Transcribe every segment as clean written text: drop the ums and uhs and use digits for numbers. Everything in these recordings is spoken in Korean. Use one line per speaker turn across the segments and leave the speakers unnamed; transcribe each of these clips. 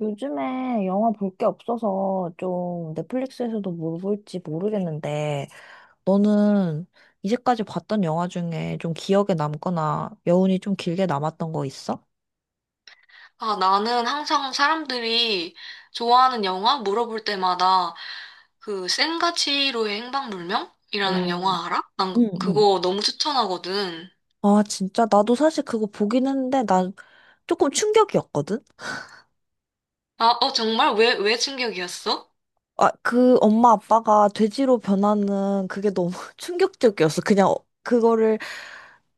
요즘에 영화 볼 게 없어서 좀 넷플릭스에서도 뭘 볼지 모르겠는데, 너는 이제까지 봤던 영화 중에 좀 기억에 남거나 여운이 좀 길게 남았던 거 있어?
아, 나는 항상 사람들이 좋아하는 영화 물어볼 때마다 그 센가치로의 행방불명이라는
오,
영화 알아? 난
응, 응.
그거 너무 추천하거든.
아, 진짜? 나도 사실 그거 보긴 했는데, 난 조금 충격이었거든?
아, 정말? 왜 충격이었어?
아, 그 엄마 아빠가 돼지로 변하는 그게 너무 충격적이었어. 그냥 그거를.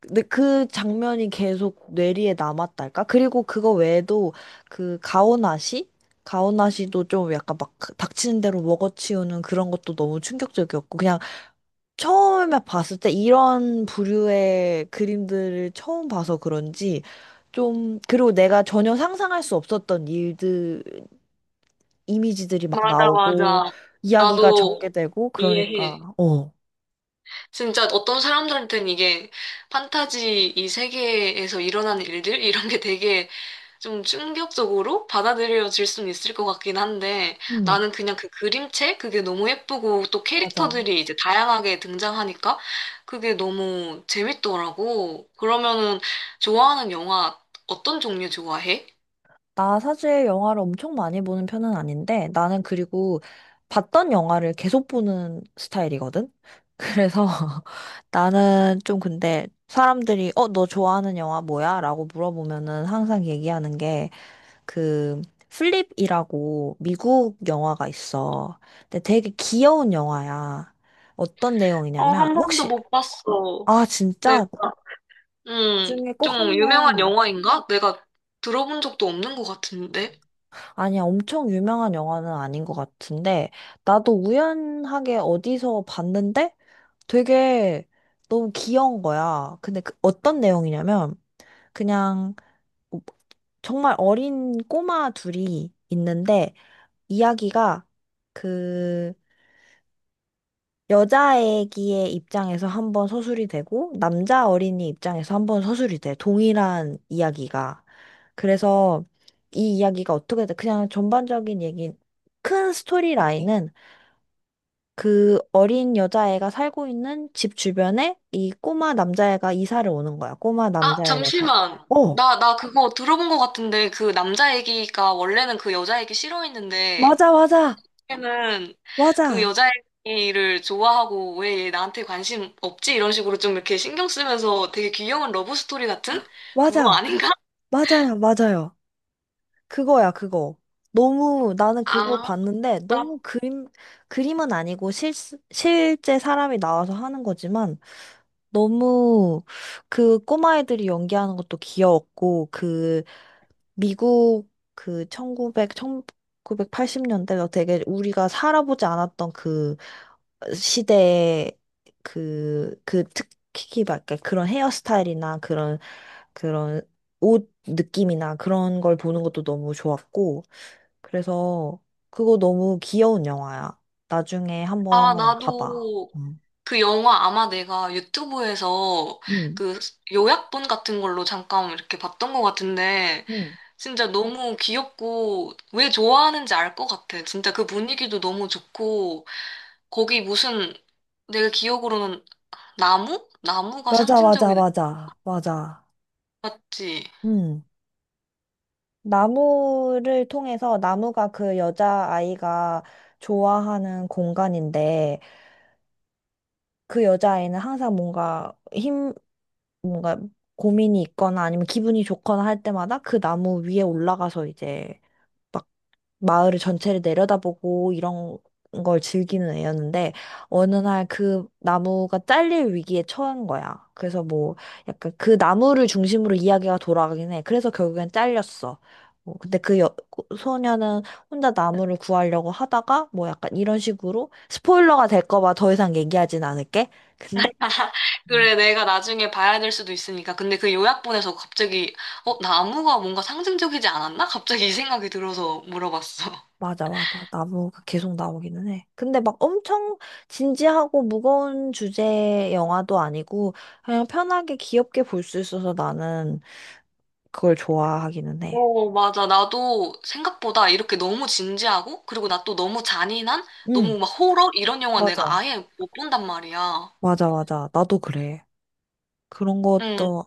근데 그 장면이 계속 뇌리에 남았달까? 그리고 그거 외에도 그 가오나시? 가오나시도 좀 약간 막 닥치는 대로 먹어치우는 그런 것도 너무 충격적이었고, 그냥 처음에 봤을 때 이런 부류의 그림들을 처음 봐서 그런지 좀. 그리고 내가 전혀 상상할 수 없었던 일들, 이미지들이 막
맞아,
나오고
맞아.
이야기가
나도
전개되고
이해해.
그러니까 어.
진짜 어떤 사람들한테는 이게 판타지 이 세계에서 일어나는 일들? 이런 게 되게 좀 충격적으로 받아들여질 수는 있을 것 같긴 한데
음,
나는 그냥 그 그림체 그게 너무 예쁘고 또
맞아.
캐릭터들이 이제 다양하게 등장하니까 그게 너무 재밌더라고. 그러면은 좋아하는 영화 어떤 종류 좋아해?
나 사실 영화를 엄청 많이 보는 편은 아닌데, 나는 그리고 봤던 영화를 계속 보는 스타일이거든. 그래서 나는 좀, 근데 사람들이 어, 너 좋아하는 영화 뭐야? 라고 물어보면은 항상 얘기하는 게 그 플립이라고 미국 영화가 있어. 근데 되게 귀여운 영화야. 어떤
어,
내용이냐면
한 번도
혹시.
못 봤어.
아,
내가
진짜? 나중에 꼭
좀
한
유명한
번.
영화인가? 내가 들어본 적도 없는 것 같은데.
아니야, 엄청 유명한 영화는 아닌 것 같은데, 나도 우연하게 어디서 봤는데 되게 너무 귀여운 거야. 근데 그 어떤 내용이냐면, 그냥 뭐 정말 어린 꼬마 둘이 있는데, 이야기가 그 여자애기의 입장에서 한번 서술이 되고, 남자 어린이 입장에서 한번 서술이 돼. 동일한 이야기가. 그래서 이 이야기가 어떻게 돼? 그냥 전반적인 얘기, 큰 스토리 라인은 그 어린 여자애가 살고 있는 집 주변에 이 꼬마 남자애가 이사를 오는 거야. 꼬마
아,
남자애네가.
잠시만.
어,
나 그거 들어본 것 같은데, 그 남자 애기가 원래는 그 여자 애기 싫어했는데,
맞아, 맞아,
처음에는 그
맞아,
여자애를 좋아하고 왜 얘 나한테 관심 없지? 이런 식으로 좀 이렇게 신경 쓰면서 되게 귀여운 러브 스토리 같은 그거
맞아,
아닌가?
맞아요, 맞아요. 그거야, 그거. 너무 나는 그걸
아,
봤는데
나,
너무 그림 그림은 아니고, 실 실제 사람이 나와서 하는 거지만 너무 그 꼬마애들이 연기하는 것도 귀여웠고, 그 미국 그 1980년대가 되게 우리가 살아보지 않았던 그 시대의 그 특히 막 약간 그런 헤어스타일이나 그런, 그런 옷 느낌이나 그런 걸 보는 것도 너무 좋았고, 그래서 그거 너무 귀여운 영화야. 나중에
아,
한번 봐봐.
나도
음.
그 영화 아마 내가 유튜브에서
음.
그 요약본 같은 걸로 잠깐 이렇게 봤던 것 같은데
음.
진짜 너무 귀엽고 왜 좋아하는지 알 것 같아. 진짜 그 분위기도 너무 좋고 거기 무슨 내가 기억으로는 나무? 나무가
맞아, 맞아,
상징적인
맞아, 맞아.
맞지?
음. 나무를 통해서, 나무가 그 여자아이가 좋아하는 공간인데, 그 여자아이는 항상 뭔가 뭔가 고민이 있거나 아니면 기분이 좋거나 할 때마다 그 나무 위에 올라가서 이제 마을을 전체를 내려다보고 이런 걸 즐기는 애였는데, 어느 날 그 나무가 잘릴 위기에 처한 거야. 그래서 뭐 약간 그 나무를 중심으로 이야기가 돌아가긴 해. 그래서 결국엔 잘렸어. 뭐 근데 소녀는 혼자 나무를 구하려고 하다가 뭐 약간 이런 식으로 스포일러가 될까 봐 더 이상 얘기하진 않을게. 근데
그래, 내가 나중에 봐야 될 수도 있으니까. 근데 그 요약본에서 갑자기, 어, 나무가 뭔가 상징적이지 않았나? 갑자기 이 생각이 들어서 물어봤어.
맞아, 맞아. 나무가 계속 나오기는 해. 근데 막 엄청 진지하고 무거운 주제 영화도 아니고, 그냥 편하게 귀엽게 볼 수 있어서 나는 그걸 좋아하기는 해.
어, 맞아. 나도 생각보다 이렇게 너무 진지하고, 그리고 나 또 너무 잔인한,
응,
너무 막 호러? 이런 영화 내가
맞아.
아예 못 본단 말이야.
맞아, 맞아. 나도 그래. 그런
응.
것도.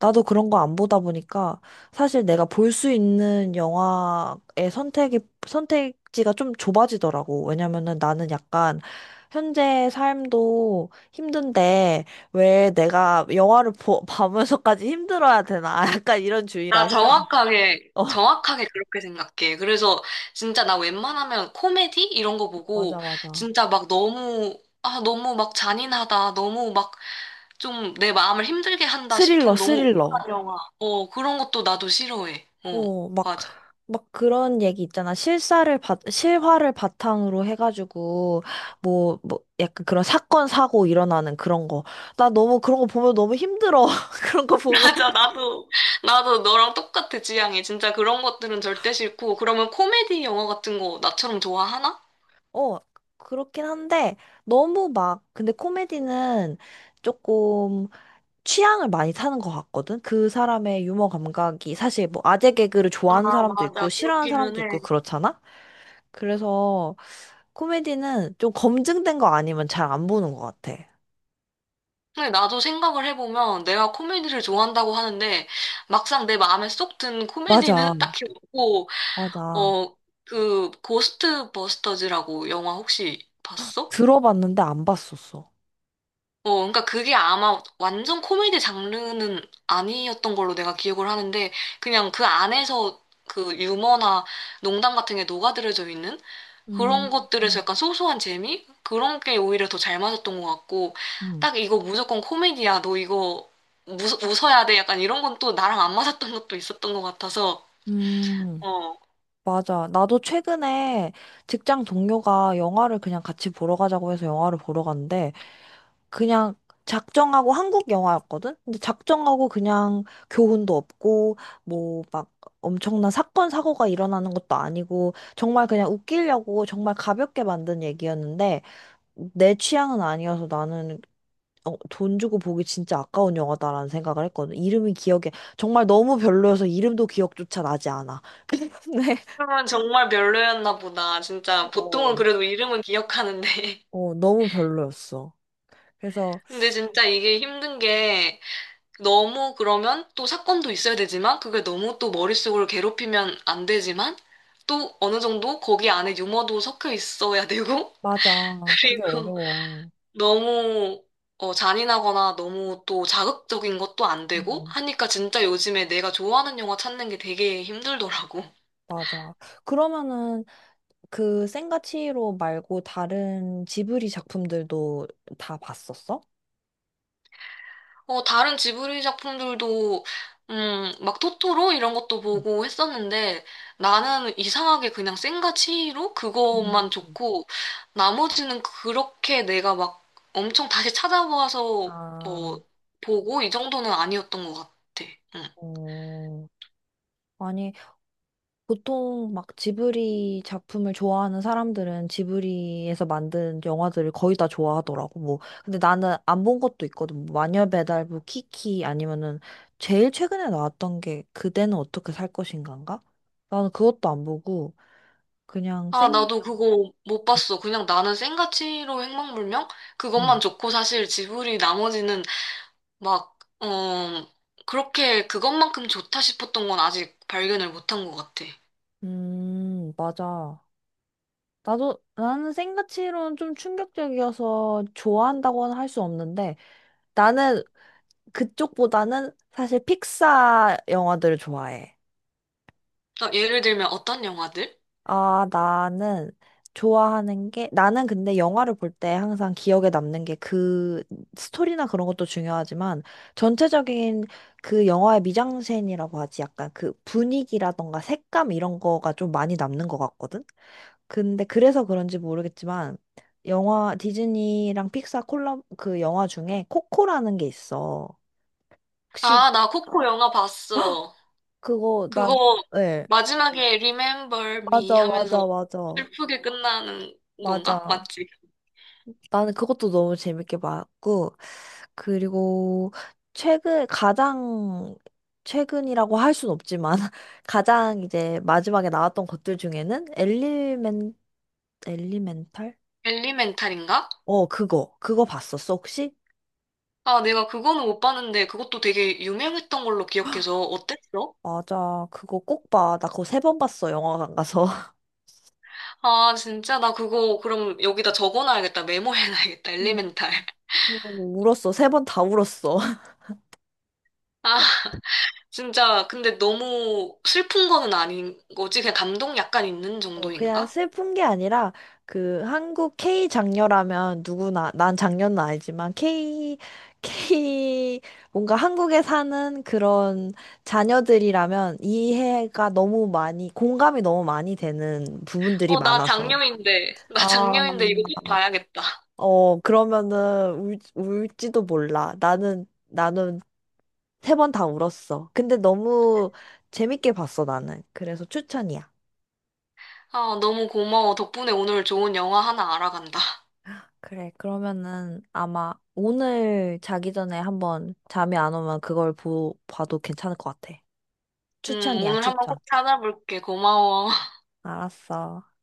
나도 그런 거 안 보다 보니까 사실 내가 볼 수 있는 영화의 선택지가 좀 좁아지더라고. 왜냐면은 나는 약간 현재 삶도 힘든데 왜 내가 영화를 봐면서까지 힘들어야 되나? 약간 이런
나
주의라서.
정확하게, 정확하게 그렇게 생각해. 그래서 진짜 나 웬만하면 코미디? 이런 거
어,
보고
맞아, 맞아.
진짜 막 너무, 아, 너무 막 잔인하다. 너무 막 좀 내 마음을 힘들게 한다
스릴러,
싶은 너무
스릴러.
우울한 영화. 어, 그런 것도 나도 싫어해. 어,
어,
맞아.
막 그런 얘기 있잖아. 실화를 바탕으로 해가지고 뭐, 뭐, 약간 그런 사건, 사고 일어나는 그런 거. 나 너무 그런 거 보면 너무 힘들어. 그런 거 보면.
맞아, 나도 너랑 똑같아, 지향이. 진짜 그런 것들은 절대 싫고. 그러면 코미디 영화 같은 거 나처럼 좋아하나?
어, 그렇긴 한데, 너무 막, 근데 코미디는 조금 취향을 많이 타는 것 같거든? 그 사람의 유머 감각이 사실 뭐 아재 개그를 좋아하는
아,
사람도
맞아.
있고, 싫어하는
그렇기는
사람도 있고,
해.
그렇잖아? 그래서 코미디는 좀 검증된 거 아니면 잘 안 보는 것 같아.
근데 나도 생각을 해보면 내가 코미디를 좋아한다고 하는데 막상 내 마음에 쏙 든
맞아,
코미디는 딱히 없고,
맞아.
어, 그, 고스트 버스터즈라고 영화 혹시 봤어?
들어봤는데 안 봤었어.
어, 그러니까 그게 아마 완전 코미디 장르는 아니었던 걸로 내가 기억을 하는데 그냥 그 안에서 그 유머나 농담 같은 게 녹아들어져 있는 그런
음,
것들에서
음,
약간 소소한 재미? 그런 게 오히려 더 잘 맞았던 것 같고
응.
딱 이거 무조건 코미디야. 너 이거 웃어야 돼. 약간 이런 건 또 나랑 안 맞았던 것도 있었던 것 같아서
음,
어.
맞아. 나도 최근에 직장 동료가 영화를 그냥 같이 보러 가자고 해서 영화를 보러 갔는데, 그냥 작정하고 한국 영화였거든? 근데 작정하고 그냥 교훈도 없고, 뭐 막 엄청난 사건, 사고가 일어나는 것도 아니고, 정말 그냥 웃기려고 정말 가볍게 만든 얘기였는데, 내 취향은 아니어서 나는 어, 돈 주고 보기 진짜 아까운 영화다라는 생각을 했거든. 이름이 기억에. 정말 너무 별로여서 이름도 기억조차 나지 않아. 근데
그러면 정말 별로였나 보다. 진짜 보통은
어,
그래도 이름은 기억하는데
어, 너무 별로였어. 그래서.
근데 진짜 이게 힘든 게 너무 그러면 또 사건도 있어야 되지만 그게 너무 또 머릿속을 괴롭히면 안 되지만 또 어느 정도 거기 안에 유머도 섞여 있어야 되고
맞아. 그게
그리고
어려워.
너무 어, 잔인하거나 너무 또 자극적인 것도 안 되고
음,
하니까 진짜 요즘에 내가 좋아하는 영화 찾는 게 되게 힘들더라고.
맞아. 그러면은 그 센과 치히로 말고 다른 지브리 작품들도 다 봤었어?
어, 다른 지브리 작품들도, 막 토토로 이런 것도
음.
보고 했었는데, 나는 이상하게 그냥 센과 치히로
음.
그것만 좋고, 나머지는 그렇게 내가 막 엄청 다시 찾아봐서,
아,
뭐, 보고 이 정도는 아니었던 것 같아. 응.
어, 아니 보통 막 지브리 작품을 좋아하는 사람들은 지브리에서 만든 영화들을 거의 다 좋아하더라고. 뭐 근데 나는 안 본 것도 있거든. 뭐 마녀 배달부 키키 아니면은 제일 최근에 나왔던 게 그대는 어떻게 살 것인가인가? 나는 그것도 안 보고 그냥
아,
생
나도 그거 못 봤어. 그냥 나는 센과 치히로 행방불명? 그것만
음.
좋고, 사실 지브리 나머지는 막, 어, 그렇게 그것만큼 좋다 싶었던 건 아직 발견을 못한 것 같아.
맞아. 나도, 나는 생가치로는 좀 충격적이어서 좋아한다고는 할 수 없는데, 나는 그쪽보다는 사실 픽사 영화들을 좋아해.
나 예를 들면 어떤 영화들?
아, 나는 좋아하는 게, 나는 근데 영화를 볼 때 항상 기억에 남는 게 그 스토리나 그런 것도 중요하지만 전체적인 그 영화의 미장센이라고 하지 약간 그 분위기라던가 색감 이런 거가 좀 많이 남는 것 같거든? 근데 그래서 그런지 모르겠지만 영화 디즈니랑 픽사 콜라 그 영화 중에 코코라는 게 있어. 혹시
아, 나 코코 영화 봤어.
그거 나,
그거
예.
마지막에 Remember Me
맞아,
하면서
맞아, 맞아.
슬프게 끝나는 건가?
맞아.
맞지?
나는 그것도 너무 재밌게 봤고, 그리고 최근, 가장, 최근이라고 할 순 없지만, 가장 이제 마지막에 나왔던 것들 중에는 엘리멘탈?
엘리멘탈인가?
어, 그거. 그거 봤었어, 혹시?
아, 내가 그거는 못 봤는데 그것도 되게 유명했던 걸로 기억해서 어땠어?
맞아. 그거 꼭 봐. 나 그거 세 번 봤어, 영화관 가서.
아, 진짜 나 그거 그럼 여기다 적어놔야겠다. 메모해놔야겠다.
음.
엘리멘탈.
울었어. 세 번 다 울었어.
아, 진짜 근데 너무 슬픈 거는 아닌 거지? 그냥 감동 약간 있는
어, 그냥
정도인가?
슬픈 게 아니라 그 한국 K 장녀라면 누구나, 난 장녀는 아니지만 K 뭔가 한국에 사는 그런 자녀들이라면 이해가 너무 많이, 공감이 너무 많이 되는 부분들이
어, 나
많아서.
장녀인데. 나
아,
장녀인데 이거 꼭 봐야겠다.
어, 그러면은 울지도 몰라. 나는 세 번 다 울었어. 근데 너무 재밌게 봤어, 나는. 그래서 추천이야.
아, 너무 고마워. 덕분에 오늘 좋은 영화 하나 알아간다.
그래, 그러면은 아마 오늘 자기 전에 한번 잠이 안 오면 그걸 봐도 괜찮을 것 같아. 추천이야,
오늘 한번
추천.
꼭 찾아볼게. 고마워.
알았어.